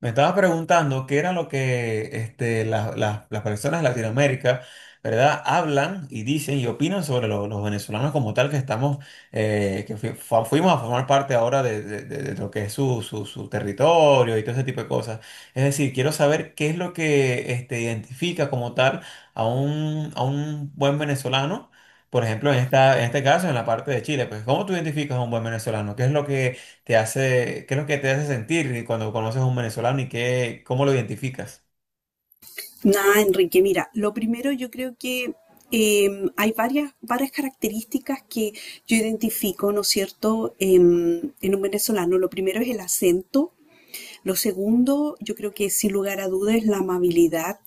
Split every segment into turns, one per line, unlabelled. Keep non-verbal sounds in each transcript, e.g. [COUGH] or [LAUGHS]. Me estaba preguntando qué era lo que las personas de Latinoamérica, ¿verdad? Hablan y dicen y opinan sobre los venezolanos como tal que estamos, que fuimos a formar parte ahora de lo que es su territorio y todo ese tipo de cosas. Es decir, quiero saber qué es lo que identifica como tal a un buen venezolano. Por ejemplo, en este caso, en la parte de Chile, pues, ¿cómo tú identificas a un buen venezolano? ¿Qué es lo que te hace, qué es lo que te hace sentir cuando conoces a un venezolano y qué, cómo lo identificas?
Nada, Enrique, mira, lo primero yo creo que eh, hay varias características que yo identifico, ¿no es cierto? En un venezolano. Lo primero es el acento, lo segundo yo creo que sin lugar a dudas es la amabilidad.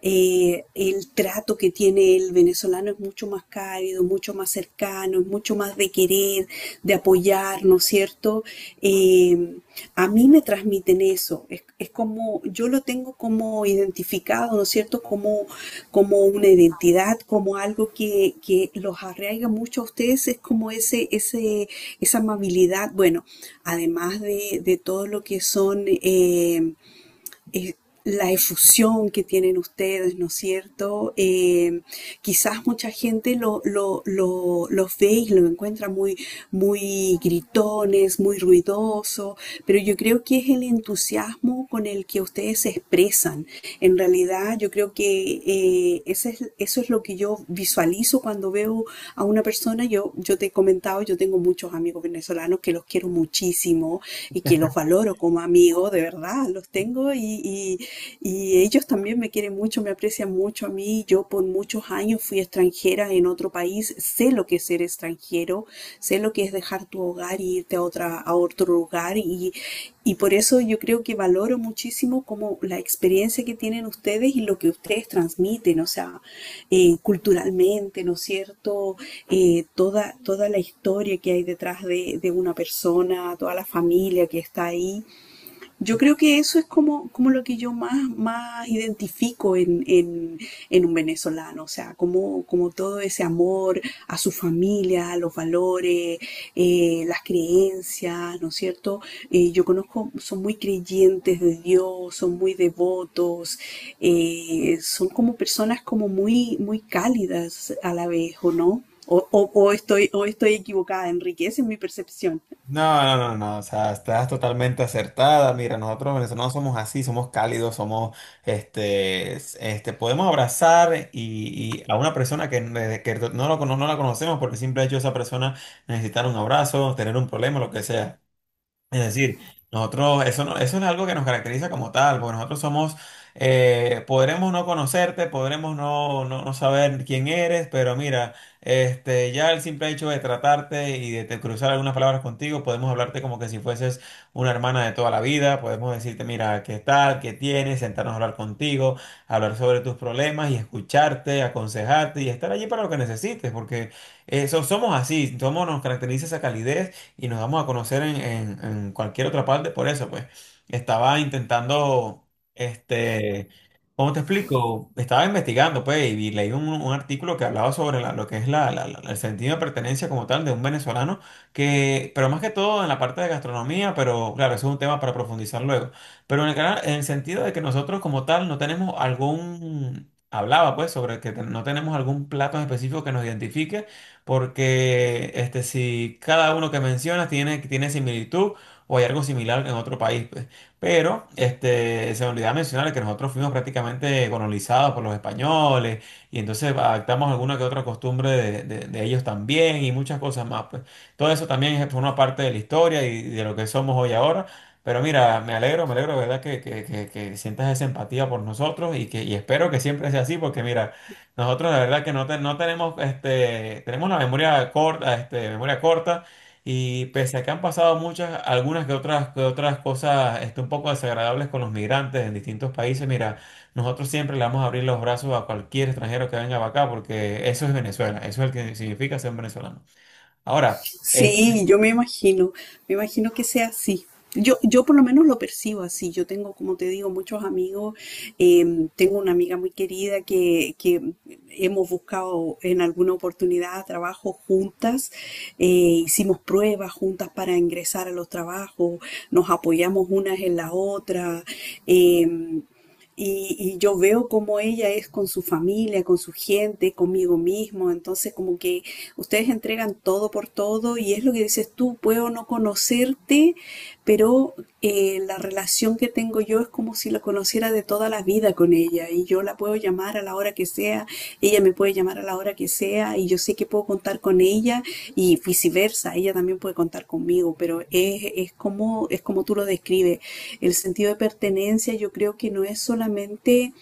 El trato que tiene el venezolano es mucho más cálido, mucho más cercano, es mucho más de querer, de apoyar, ¿no es cierto? Eh, a mí me transmiten eso, yo lo tengo como identificado, ¿no es cierto? Como una identidad, como algo que los arraiga mucho a ustedes, es como esa amabilidad, bueno, además de todo lo que son... eh, la efusión que tienen ustedes, ¿no es cierto? Quizás mucha gente los ve y lo encuentra muy gritones, muy ruidoso, pero yo creo que es el entusiasmo con el que ustedes se expresan. En realidad, yo creo que eso es lo que yo visualizo cuando veo a una persona. Yo te he comentado, yo tengo muchos amigos venezolanos que los quiero muchísimo y que los valoro como amigos, de verdad verdad, los tengo y- y ellos también me quieren mucho, me aprecian mucho a mí. Yo por muchos años fui extranjera en otro país, sé lo que es ser extranjero, sé lo que es dejar tu hogar y irte a otra, a otro lugar, y por eso yo creo que valoro muchísimo como la experiencia que tienen ustedes y lo que ustedes transmiten, o sea, culturalmente, ¿no es cierto? Toda la historia que hay detrás de una persona, toda la familia que está ahí. Yo creo que eso es como, como lo que yo más identifico en un venezolano, o sea, como, como todo ese amor a su familia, a los valores, las creencias, ¿no es cierto? Yo conozco, son muy creyentes de Dios, son muy devotos, son como personas como muy, muy cálidas a la vez, ¿o no? O estoy, o estoy equivocada, Enrique, esa es mi percepción.
No, no, no, no, o sea, estás totalmente acertada. Mira, nosotros los venezolanos somos así, somos cálidos, somos, este, podemos abrazar y a una persona que no, no la conocemos porque siempre ha hecho esa persona necesitar un abrazo, tener un problema, lo que sea. Es decir, nosotros, eso, eso no es algo que nos caracteriza como tal, porque nosotros somos, podremos no conocerte, podremos no saber quién eres, pero mira, ya el simple hecho de tratarte y cruzar algunas palabras contigo, podemos hablarte como que si fueses una hermana de toda la vida, podemos decirte, mira, qué tal, qué tienes, sentarnos a hablar contigo, hablar sobre tus problemas y escucharte, aconsejarte y estar allí para lo que necesites, porque eso somos así, somos, nos caracteriza esa calidez y nos damos a conocer en, en cualquier otra parte. Por eso, pues, estaba intentando, este, ¿cómo te explico? Estaba investigando, pues, y leí un artículo que hablaba sobre lo que es el sentido de pertenencia como tal de un venezolano, que, pero más que todo en la parte de gastronomía, pero claro, eso es un tema para profundizar luego. Pero en el, en el sentido de que nosotros como tal no tenemos algún... Hablaba pues sobre que no tenemos algún plato en específico que nos identifique, porque si cada uno que mencionas tiene, tiene similitud o hay algo similar en otro país, pues. Pero se me olvidaba mencionar que nosotros fuimos prácticamente colonizados por los españoles y entonces adaptamos alguna que otra costumbre de, de ellos también y muchas cosas más, pues. Todo eso también es una parte de la historia y de lo que somos hoy ahora. Pero mira, me alegro, ¿verdad? Que sientas esa empatía por nosotros y que y espero que siempre sea así, porque mira, nosotros la verdad que no, no tenemos, tenemos una memoria corta, memoria corta y pese a que han pasado muchas, algunas que otras cosas un poco desagradables con los migrantes en distintos países, mira, nosotros siempre le vamos a abrir los brazos a cualquier extranjero que venga para acá porque eso es Venezuela, eso es lo que significa ser venezolano. Ahora, es-
Sí, yo me imagino que sea así. Yo por lo menos lo percibo así. Yo tengo, como te digo, muchos amigos. Tengo una amiga muy querida que hemos buscado en alguna oportunidad trabajo juntas. eh, Hicimos pruebas juntas para ingresar a los trabajos. Nos apoyamos unas en la otra. eh, y, y yo veo cómo ella es con su familia, con su gente, conmigo mismo. Entonces, como que ustedes entregan todo por todo y es lo que dices tú, puedo no conocerte, pero la relación que tengo yo es como si la conociera de toda la vida vida con ella, y yo la puedo llamar a la hora que sea, ella me puede llamar a la hora que sea y yo sé que puedo contar con ella y viceversa, ella también puede contar conmigo, pero es como tú lo describes. El sentido de pertenencia yo creo que no es solamente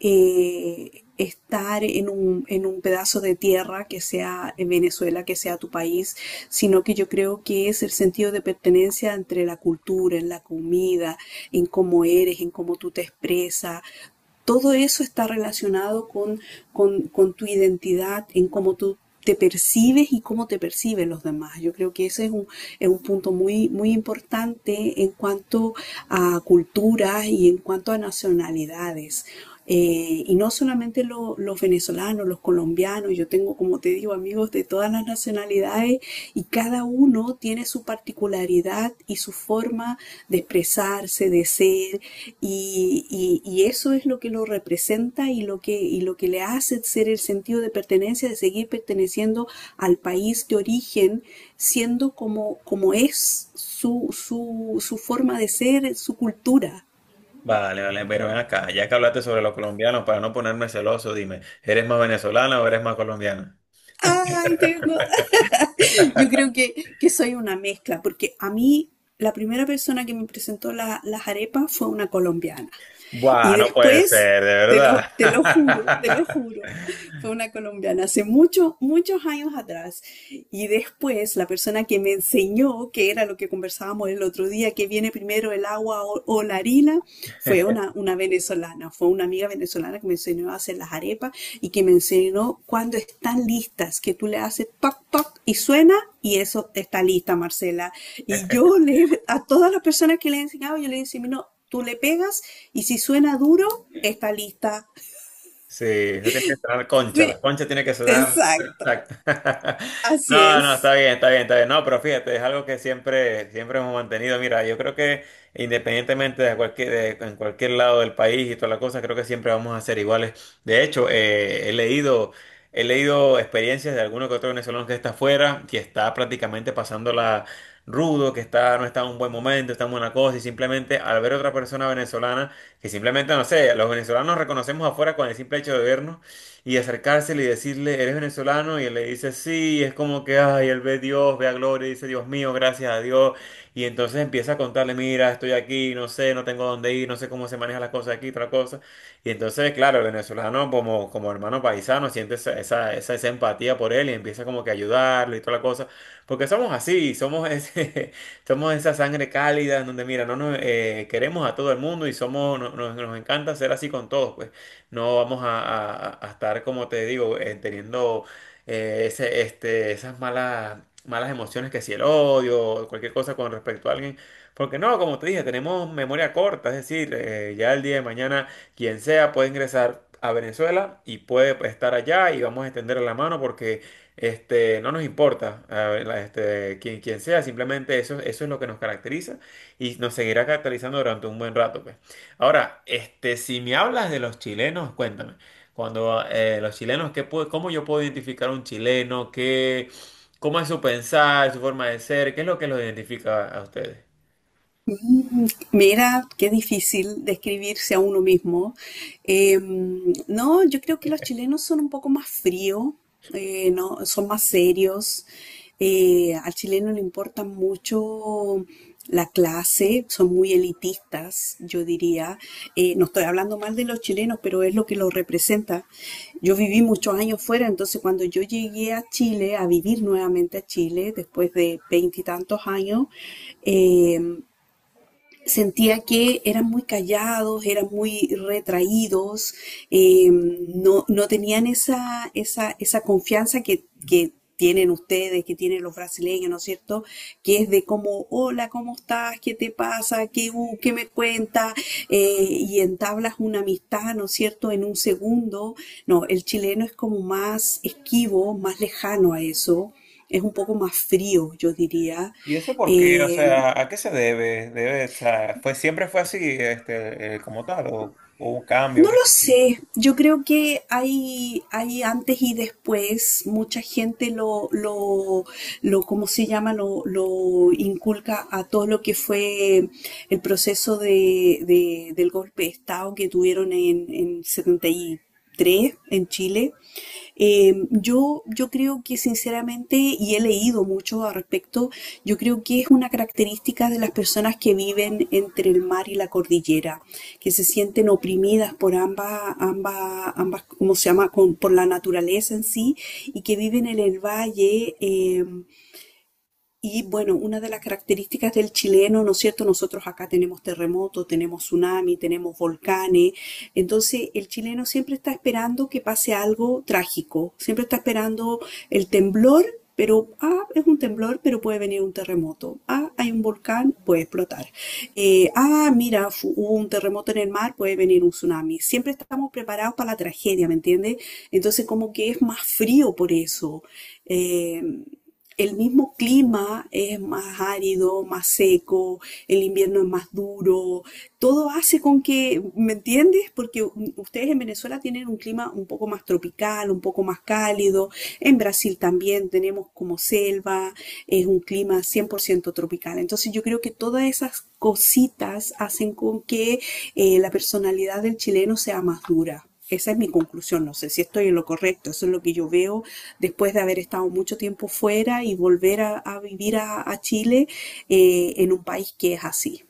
en un pedazo de tierra que sea en Venezuela, que sea tu país, sino que yo creo que es el sentido de pertenencia entre la cultura, en la comida, en cómo eres, en cómo tú te expresas, todo eso está relacionado con tu identidad, en cómo tú te percibes y cómo te perciben los demás. Yo creo que ese es un punto muy, muy importante en cuanto a culturas y en cuanto a nacionalidades. Y no solamente los venezolanos, los colombianos, yo tengo, como te digo, amigos de todas las nacionalidades y cada uno tiene su particularidad y su forma de expresarse, de ser, y eso es lo que lo representa y lo que le hace ser el sentido de pertenencia, de seguir perteneciendo al país de origen, siendo como, como es su forma de ser, su cultura.
Vale, vale, pero ven acá, ya que hablaste sobre los colombianos, para no ponerme celoso, dime, ¿eres más venezolana o eres más colombiana?
Ay, tengo, yo creo
[LAUGHS]
que soy una mezcla, porque a mí la primera persona que me presentó las arepas fue una colombiana. Y
Buah, Puede
después,
ser, de
te lo
verdad. [LAUGHS]
juro, fue una colombiana hace muchos, muchos años atrás. Y después, la persona que me enseñó, que era lo que conversábamos el otro día, que viene primero el agua o la harina, fue una venezolana, fue una amiga venezolana que me enseñó a hacer las arepas y que me enseñó cuando están listas, que tú le haces toc, toc y suena y eso está lista, Marcela. Y yo le, a todas las personas que le he enseñado, yo le decía, no, tú le pegas y si suena duro, está lista.
Sí, eso tiene que sonar concha,
Sí,
las conchas tiene que sonar
exacto.
perfecta. [LAUGHS]
Así
No, no, está
es.
bien, está bien, está bien. No, pero fíjate, es algo que siempre, siempre hemos mantenido. Mira, yo creo que independientemente de cualquier, en cualquier lado del país y toda la cosa, creo que siempre vamos a ser iguales. De hecho, he leído experiencias de alguno que otro venezolano que está afuera, que está prácticamente pasándola rudo, que está, no está en un buen momento, está en buena cosa, y simplemente al ver otra persona venezolana que simplemente, no sé, los venezolanos reconocemos afuera con el simple hecho de vernos y acercársele y decirle, eres venezolano, y él le dice, sí, y es como que, ay, él ve Dios, ve a Gloria, y dice, Dios mío, gracias a Dios, y entonces empieza a contarle, mira, estoy aquí, no sé, no tengo dónde ir, no sé cómo se manejan las cosas aquí, otra cosa, y entonces, claro, el venezolano como, como hermano paisano siente esa, esa, esa, esa empatía por él y empieza como que a ayudarlo y toda la cosa, porque somos así, somos ese... [LAUGHS] Somos esa sangre cálida en donde, mira, no nos queremos a todo el mundo y somos, nos encanta ser así con todos, pues no vamos a, a estar, como te digo, teniendo esas malas, malas emociones que si el odio o cualquier cosa con respecto a alguien. Porque no, como te dije, tenemos memoria corta, es decir, ya el día de mañana quien sea puede ingresar a Venezuela y puede estar allá y vamos a extender la mano porque... Este, no nos importa, a ver, quien, quien sea, simplemente eso, eso es lo que nos caracteriza y nos seguirá caracterizando durante un buen rato, pues. Ahora, si me hablas de los chilenos, cuéntame, cuando los chilenos, ¿qué cómo yo puedo identificar a un chileno? ¿Qué, cómo es su pensar, su forma de ser? ¿Qué es lo que los identifica a ustedes?
Mm, mira, qué difícil describirse a uno mismo. Eh, no, yo creo que los chilenos son un poco más fríos, no, son más serios. Al chileno le importa mucho la clase, son muy elitistas, yo diría. No estoy hablando mal de los chilenos, pero es lo que los representa. Yo viví muchos años fuera, entonces cuando yo llegué a Chile, a vivir nuevamente a Chile, después de veintitantos años, em, sentía que eran muy callados, eran muy retraídos, no, no tenían esa confianza que tienen ustedes, que tienen los brasileños, ¿no es cierto? Que es de como, hola, ¿cómo estás? ¿Qué te pasa? ¿Qué, qué me cuentas? Y entablas una amistad, ¿no es cierto? En un segundo. No, el chileno es como más esquivo, más lejano a eso. Es un poco más frío, yo diría.
¿Y eso por qué? O
Eh,
sea, ¿a qué se debe? Debe, o sea, fue, siempre fue así, como tal, o hubo un
No
cambio.
lo
¿Qué?
sé, yo creo que hay antes y después, mucha gente ¿cómo se llama? Lo inculca a todo lo que fue el proceso de, del golpe de Estado que tuvieron en 73 tres en Chile. Yo creo que sinceramente, y he leído mucho al respecto, yo creo que es una característica de las personas que viven entre el mar y la cordillera, que se sienten oprimidas por ambas, ¿cómo se llama? Por la naturaleza en sí, y que viven en el valle. Y bueno, una de las características del chileno, ¿no es cierto? Nosotros acá tenemos terremotos, tenemos tsunami, tenemos volcanes. Entonces, el chileno siempre está esperando que pase algo trágico. Siempre está esperando el temblor, pero, ah, es un temblor, pero puede venir un terremoto. Ah, hay un volcán, puede explotar. Mira, hubo un terremoto en el mar, puede venir un tsunami. Siempre estamos preparados para la tragedia, ¿me entiendes? Entonces, como que es más frío por eso. Eh, el mismo clima es más árido, más seco, el invierno es más duro, todo hace con que, ¿me entiendes? Porque ustedes en Venezuela tienen un clima un poco más tropical, un poco más cálido, en Brasil también tenemos como selva, es un clima 100% tropical. Entonces yo creo que todas esas cositas hacen con que la personalidad del chileno sea más dura. Esa es mi conclusión, no sé si estoy en lo correcto, eso es lo que yo veo después de haber estado mucho tiempo fuera y volver a vivir a Chile en un país que es así.